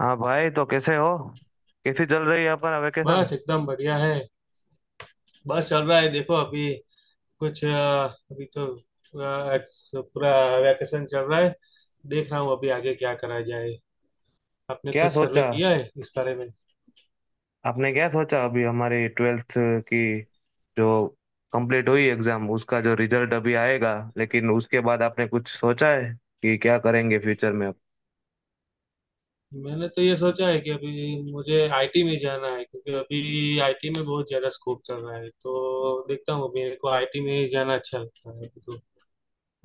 हाँ भाई, तो कैसे हो? कैसी चल रही है अपना वेकेशन? बस एकदम बढ़िया है। बस चल रहा है, देखो अभी कुछ अभी तो पूरा पूरा वैकेशन चल रहा है। देख रहा हूँ अभी आगे क्या करा जाए। आपने क्या कुछ सर्वे सोचा किया है इस बारे में? आपने क्या सोचा, अभी हमारी ट्वेल्थ की जो कंप्लीट हुई एग्जाम, उसका जो रिजल्ट अभी आएगा, लेकिन उसके बाद आपने कुछ सोचा है कि क्या करेंगे फ्यूचर में आप? मैंने तो ये सोचा है कि अभी मुझे आईटी में जाना है, क्योंकि अभी आईटी में बहुत ज्यादा स्कोप चल रहा है। तो देखता हूँ, अभी मेरे को आईटी में जाना अच्छा लगता है अभी तो।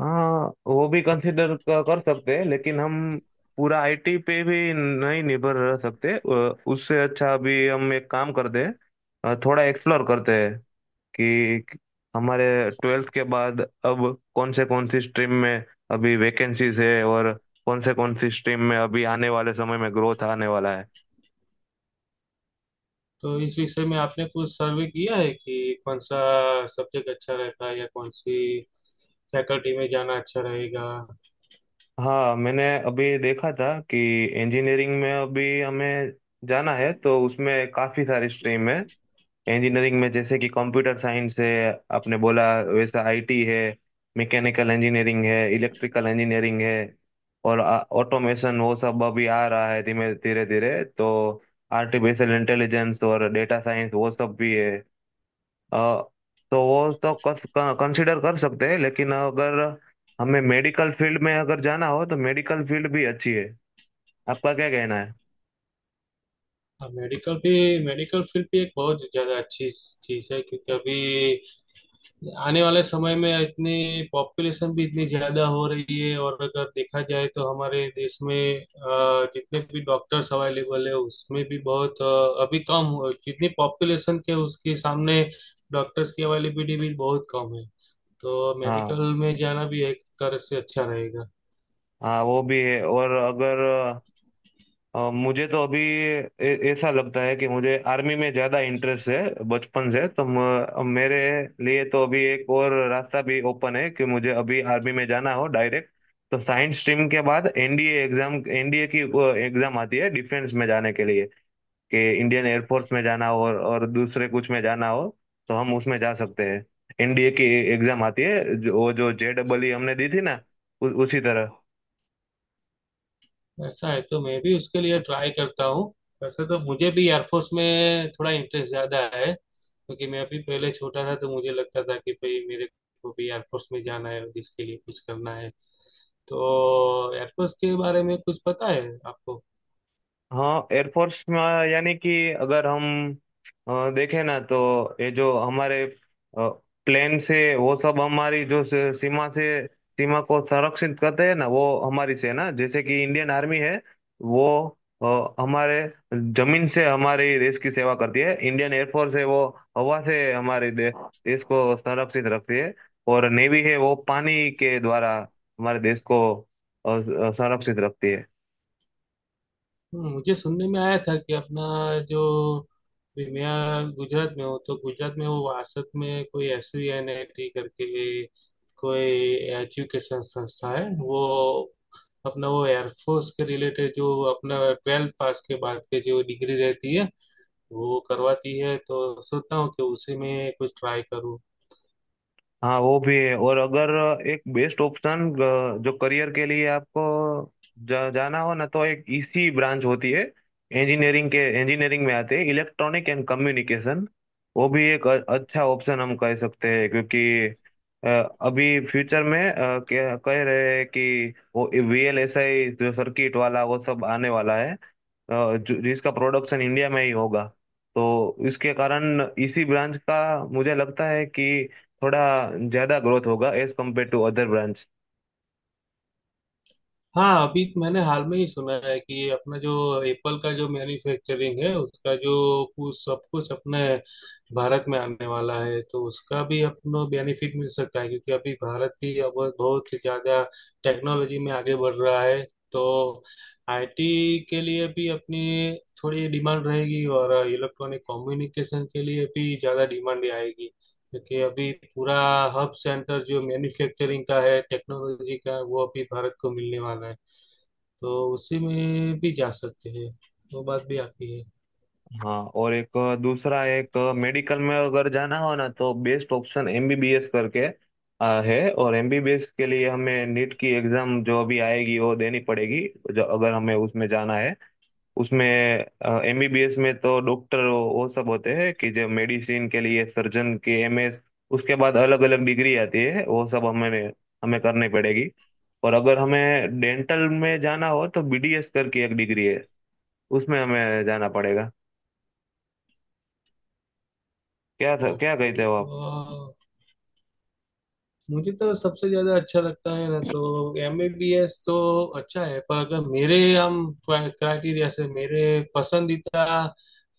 हाँ, वो भी कंसिडर कर सकते हैं, लेकिन हम पूरा आईटी पे भी नहीं निर्भर रह सकते। उससे अच्छा अभी हम एक काम करते हैं, थोड़ा एक्सप्लोर करते हैं कि हमारे ट्वेल्थ के बाद अब कौन से कौन सी स्ट्रीम में अभी वैकेंसीज है, और कौन से कौन सी स्ट्रीम में अभी आने वाले समय में ग्रोथ आने वाला है। तो इस विषय में आपने कुछ सर्वे किया है कि कौन सा सब्जेक्ट अच्छा रहता है या कौन सी फैकल्टी में जाना अच्छा रहेगा? हाँ, मैंने अभी देखा था कि इंजीनियरिंग में अभी हमें जाना है, तो उसमें काफ़ी सारी स्ट्रीम है इंजीनियरिंग में, जैसे कि कंप्यूटर साइंस है, आपने बोला वैसा आईटी है, मैकेनिकल इंजीनियरिंग है, इलेक्ट्रिकल इंजीनियरिंग है, और ऑटोमेशन वो सब अभी आ रहा है धीमे धीरे धीरे। तो आर्टिफिशियल इंटेलिजेंस और डेटा साइंस वो सब भी है। अ, तो वो सब कंसिडर कर सकते हैं, लेकिन अगर हमें मेडिकल फील्ड में अगर जाना हो, तो मेडिकल फील्ड भी अच्छी है। आपका क्या कहना है? हाँ, मेडिकल भी, मेडिकल फील्ड भी एक बहुत ज़्यादा अच्छी चीज़ है, क्योंकि अभी आने वाले समय में इतनी पॉपुलेशन भी इतनी ज़्यादा हो रही है, और अगर देखा जाए तो हमारे देश में जितने भी डॉक्टर्स अवेलेबल है उसमें भी बहुत अभी कम हो, जितनी पॉपुलेशन के उसके सामने डॉक्टर्स की अवेलेबिलिटी भी बहुत कम है। तो हाँ, मेडिकल में जाना भी एक तरह से अच्छा रहेगा। हाँ, वो भी है। और अगर मुझे तो अभी ऐसा लगता है कि मुझे आर्मी में ज़्यादा इंटरेस्ट है बचपन से। तो मेरे लिए तो अभी एक और रास्ता भी ओपन है कि मुझे अभी आर्मी में जाना हो डायरेक्ट। तो साइंस स्ट्रीम के बाद एनडीए एग्जाम, एनडीए की एग्जाम आती है डिफेंस में जाने के लिए, कि इंडियन एयरफोर्स में जाना हो और दूसरे कुछ में जाना हो, तो हम उसमें जा सकते हैं। एनडीए की एग्जाम आती है जो, वो जो JEE हमने दी थी ना, उसी तरह। ऐसा है तो मैं भी उसके लिए ट्राई करता हूँ। वैसे तो मुझे भी एयरफोर्स में थोड़ा इंटरेस्ट ज्यादा है, क्योंकि मैं अभी पहले छोटा था तो मुझे लगता था कि भाई मेरे को भी एयरफोर्स में जाना है और इसके लिए कुछ करना है। तो एयरफोर्स के बारे में कुछ पता है आपको? हाँ, एयरफोर्स में यानी कि अगर हम देखें ना, तो ये जो हमारे प्लेन से वो सब हमारी जो सीमा से सीमा को संरक्षित करते हैं ना, वो हमारी सेना, जैसे कि इंडियन आर्मी है वो हमारे जमीन से हमारे देश की सेवा करती है। इंडियन एयरफोर्स है वो हवा से हमारे देश को संरक्षित रखती है। और नेवी है वो पानी के द्वारा हमारे देश को संरक्षित रखती है। मुझे सुनने में आया था कि अपना जो विमया गुजरात में हो, तो गुजरात में वो वासत में कोई SVNIT करके कोई एजुकेशन संस्था है, वो अपना वो एयरफोर्स के रिलेटेड जो अपना ट्वेल्थ पास के बाद के जो डिग्री रहती है वो करवाती है। तो सोचता हूँ कि उसी में कुछ ट्राई करूँ। हाँ, वो भी है। और अगर एक बेस्ट ऑप्शन जो करियर के लिए आपको जाना हो ना, तो एक ईसी ब्रांच होती है इंजीनियरिंग के, इंजीनियरिंग में आते हैं इलेक्ट्रॉनिक एंड कम्युनिकेशन। वो भी एक अच्छा ऑप्शन हम कह सकते हैं, क्योंकि अ, अभी फ्यूचर में कह रहे हैं कि वो वीएलएसआई जो सर्किट वाला वो सब आने वाला है, जिसका प्रोडक्शन इंडिया में ही होगा। तो इसके कारण इसी ब्रांच का मुझे लगता है कि थोड़ा ज्यादा ग्रोथ होगा as compare to other branch. हाँ, अभी मैंने हाल में ही सुना है कि ये अपना जो एप्पल का जो मैन्युफैक्चरिंग है उसका जो कुछ सब कुछ अपने भारत में आने वाला है, तो उसका भी अपनो बेनिफिट मिल सकता है, क्योंकि अभी भारत भी अब बहुत ही ज्यादा टेक्नोलॉजी में आगे बढ़ रहा है। तो आईटी के लिए भी अपनी थोड़ी डिमांड रहेगी और इलेक्ट्रॉनिक कम्युनिकेशन के लिए भी ज्यादा डिमांड आएगी, क्योंकि अभी पूरा हब सेंटर जो मैन्युफैक्चरिंग का है, टेक्नोलॉजी का, वो अभी भारत को मिलने वाला है। तो उसी में भी जा सकते हैं, वो बात भी आपकी है। हाँ, और एक दूसरा, एक मेडिकल में अगर जाना हो ना, तो बेस्ट ऑप्शन एमबीबीएस करके है। और एमबीबीएस के लिए हमें नीट की एग्जाम जो अभी आएगी वो देनी पड़ेगी, जो अगर हमें उसमें जाना है। उसमें एमबीबीएस में तो डॉक्टर वो सब होते हैं, कि जो मेडिसिन के लिए सर्जन के एमएस, उसके बाद अलग अलग डिग्री आती है, वो सब हमें हमें करनी पड़ेगी। और अगर हमें डेंटल में जाना हो तो बीडीएस करके एक डिग्री है, उसमें हमें जाना पड़ेगा। क्या कहते ओके, हो? तो मुझे तो सबसे ज्यादा अच्छा लगता है ना, तो एमबीबीएस तो अच्छा है, पर अगर मेरे हम क्राइटेरिया से, मेरे पसंदीदा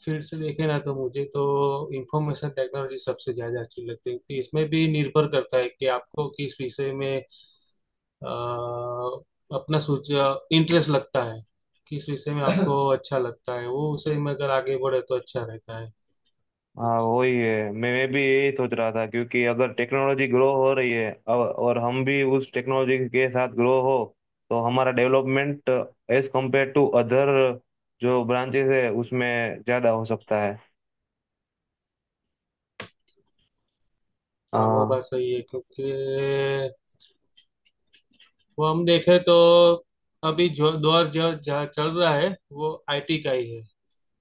फील्ड से देखें ना, तो मुझे तो इंफॉर्मेशन टेक्नोलॉजी सबसे ज्यादा अच्छी लगती है, क्योंकि इसमें भी निर्भर करता है कि आपको किस विषय में अ, अपना सोच इंटरेस्ट लगता है, किस विषय में आपको अच्छा लगता है। वो उसे में अगर आगे बढ़े तो अच्छा रहता है। हाँ, वही है। मैं भी यही सोच रहा था, क्योंकि अगर टेक्नोलॉजी ग्रो हो रही है अब, और हम भी उस टेक्नोलॉजी के साथ ग्रो हो, तो हमारा development as compare to other जो ब्रांचेस है उसमें ज़्यादा हो सकता है। हाँ, वो हाँ। बात सही है, क्योंकि वो हम देखें तो अभी जो दौर जो जहाँ चल रहा है वो आईटी का ही है।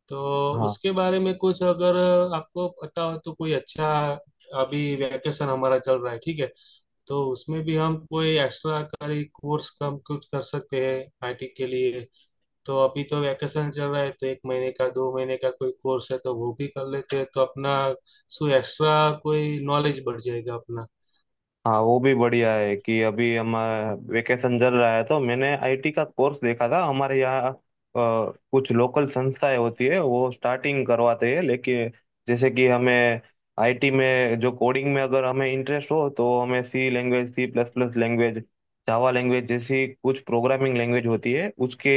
तो हाँ। उसके बारे में कुछ अगर आपको पता हो तो कोई अच्छा, अभी वैकेशन हमारा चल रहा है, ठीक है, तो उसमें भी हम कोई एक्स्ट्रा करी कोर्स कम कुछ कर सकते हैं आईटी के लिए। तो अभी तो वैकेशन चल रहा है, तो एक महीने का दो महीने का कोई कोर्स है तो वो भी कर लेते हैं, तो अपना सो एक्स्ट्रा कोई नॉलेज बढ़ जाएगा अपना। हाँ, वो भी बढ़िया है कि अभी हम वेकेशन चल रहा है, तो मैंने आईटी का कोर्स देखा था हमारे यहाँ। कुछ लोकल संस्थाएं होती है, वो स्टार्टिंग करवाते हैं। लेकिन जैसे कि हमें आईटी में जो कोडिंग में अगर हमें इंटरेस्ट हो, तो हमें C language, C plus plus language, Java language जैसी कुछ प्रोग्रामिंग लैंग्वेज होती है, उसके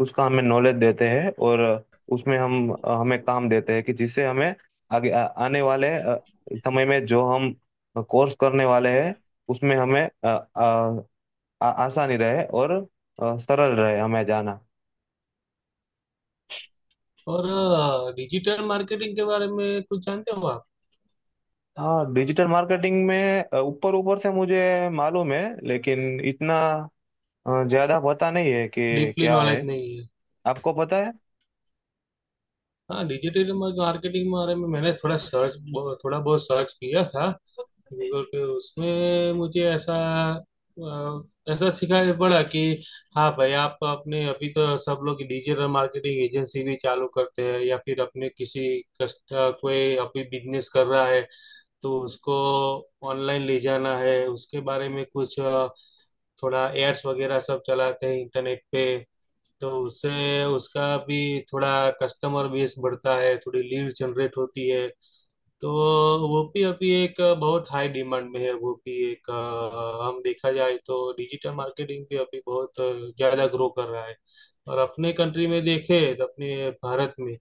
उसका हमें नॉलेज देते हैं। और उसमें हम हमें काम देते हैं, कि जिससे हमें आगे आने वाले समय में जो हम कोर्स करने वाले हैं, उसमें हमें आसानी रहे, और सरल रहे हमें जाना। और डिजिटल मार्केटिंग के बारे में कुछ जानते हो आप? हाँ, डिजिटल मार्केटिंग में ऊपर ऊपर से मुझे मालूम है, लेकिन इतना ज्यादा पता नहीं है कि डीपली क्या है। नॉलेज नहीं है? आपको पता है? हाँ, डिजिटल मार्केटिंग के बारे में मैंने थोड़ा बहुत सर्च किया था गूगल पे। उसमें मुझे ऐसा ऐसा सिखाया पड़ा कि हाँ भाई, आप अपने अभी तो सब लोग डिजिटल मार्केटिंग एजेंसी भी चालू करते हैं, या फिर अपने किसी कस्ट, कोई अभी बिजनेस कर रहा है तो उसको ऑनलाइन ले जाना है उसके बारे में कुछ थोड़ा एड्स वगैरह सब चलाते हैं इंटरनेट पे। तो उससे उसका भी थोड़ा कस्टमर बेस बढ़ता है, थोड़ी लीड जनरेट होती है। तो वो भी अभी एक बहुत हाई डिमांड में है। वो भी एक हम देखा जाए तो डिजिटल मार्केटिंग भी अभी बहुत ज़्यादा ग्रो कर रहा है। और अपने कंट्री में देखें, तो अपने भारत में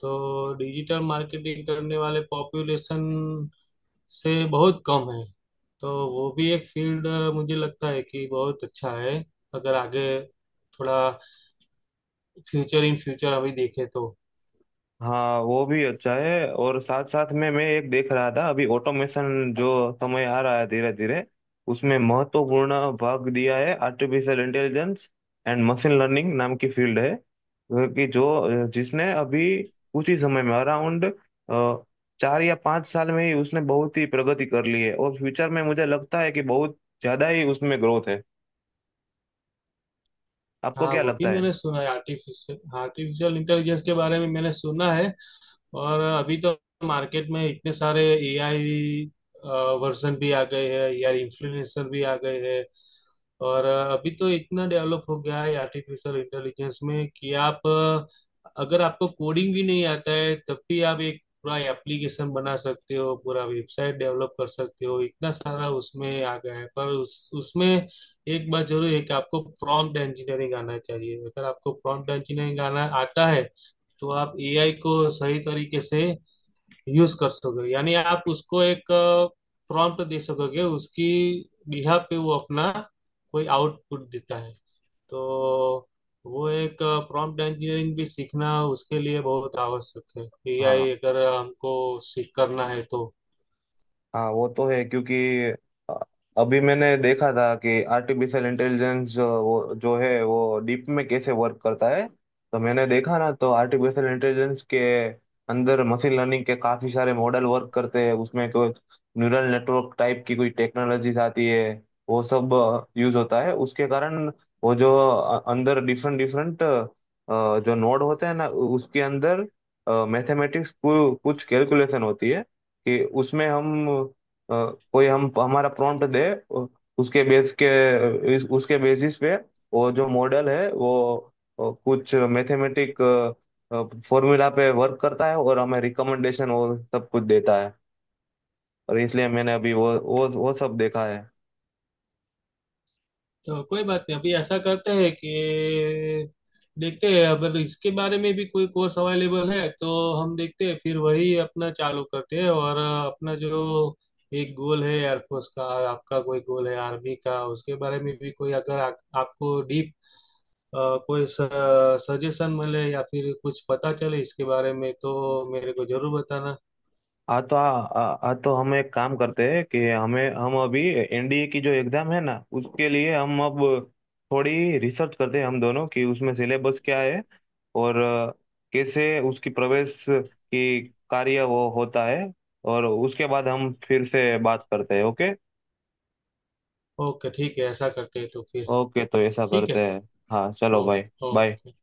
तो डिजिटल मार्केटिंग करने वाले पॉपुलेशन से बहुत कम है। तो वो भी एक फील्ड मुझे लगता है कि बहुत अच्छा है, अगर आगे थोड़ा फ्यूचर, इन फ्यूचर अभी देखे तो। हाँ, वो भी अच्छा है। और साथ साथ में मैं एक देख रहा था, अभी ऑटोमेशन जो समय आ रहा है धीरे धीरे, उसमें महत्वपूर्ण भाग दिया है artificial intelligence and machine learning नाम की फील्ड है। क्योंकि जो जिसने अभी कुछ ही समय में अराउंड 4 या 5 साल में ही उसने बहुत ही प्रगति कर ली है, और फ्यूचर में मुझे लगता है कि बहुत ज्यादा ही उसमें ग्रोथ है। आपको हाँ, क्या वो भी लगता है? मैंने सुना है, आर्टिफिशियल आर्टिफिशियल इंटेलिजेंस के बारे में मैंने सुना है। और अभी तो मार्केट में इतने सारे एआई वर्जन भी आ गए हैं यार, इन्फ्लुएंसर भी आ गए हैं। और अभी तो इतना डेवलप हो गया है आर्टिफिशियल इंटेलिजेंस में, कि आप अगर आपको कोडिंग भी नहीं आता है तब भी आप एक पूरा एप्लीकेशन बना सकते हो, पूरा वेबसाइट डेवलप कर सकते हो, इतना सारा उसमें आ गया है। पर उस उसमें एक बात जरूर है कि आपको प्रॉम्प्ट इंजीनियरिंग आना चाहिए। अगर आपको प्रॉम्प्ट इंजीनियरिंग आना आता है, तो आप एआई को सही तरीके से यूज कर सकोगे, यानी आप उसको एक प्रॉम्प्ट दे सकोगे, उसकी बिहाफ पे वो अपना कोई आउटपुट देता है। तो वो एक प्रॉम्प्ट इंजीनियरिंग भी सीखना उसके लिए बहुत आवश्यक है, एआई हाँ, अगर हमको सीख करना है तो। हाँ, वो तो है। क्योंकि अ, अभी मैंने देखा था कि आर्टिफिशियल इंटेलिजेंस वो जो है वो डीप में कैसे वर्क करता है। तो मैंने देखा ना तो आर्टिफिशियल इंटेलिजेंस के अंदर मशीन लर्निंग के काफी सारे मॉडल वर्क करते हैं, उसमें कोई न्यूरल नेटवर्क टाइप की कोई टेक्नोलॉजीज आती है, वो सब यूज होता है। उसके कारण वो जो अंदर डिफरेंट डिफरेंट जो नोड होते हैं ना, उसके अंदर मैथमेटिक्स, कुछ कैलकुलेशन होती है। कि उसमें हम अ, कोई हम हमारा प्रॉम्प्ट दे, उ- उसके बेस के उसके बेसिस पे वो जो मॉडल है वो कुछ मैथमेटिक फॉर्मूला पे वर्क करता है, और हमें रिकमेंडेशन और सब कुछ देता है। और इसलिए मैंने अभी वो सब देखा है। तो कोई बात नहीं, अभी ऐसा करते हैं कि देखते हैं अगर इसके बारे में भी कोई कोर्स अवेलेबल है तो हम देखते हैं, फिर वही अपना चालू करते हैं। और अपना जो एक गोल है एयरफोर्स का, आपका कोई गोल है आर्मी का, उसके बारे में भी कोई अगर आपको डीप कोई सजेशन मिले या फिर कुछ पता चले इसके बारे में, तो मेरे को जरूर बताना। हाँ, तो आ, आ, तो हम एक काम करते हैं कि हमें, हम अभी एनडीए की जो एग्जाम है ना, उसके लिए हम अब थोड़ी रिसर्च करते हैं हम दोनों कि उसमें सिलेबस क्या है, और कैसे उसकी प्रवेश की कार्य वो होता है। और उसके बाद हम फिर से बात करते हैं। ओके। ओके, ठीक है, ऐसा करते हैं तो फिर। ओके, तो ऐसा ठीक है। करते हैं। हाँ, चलो भाई। Okay, bye. ओके।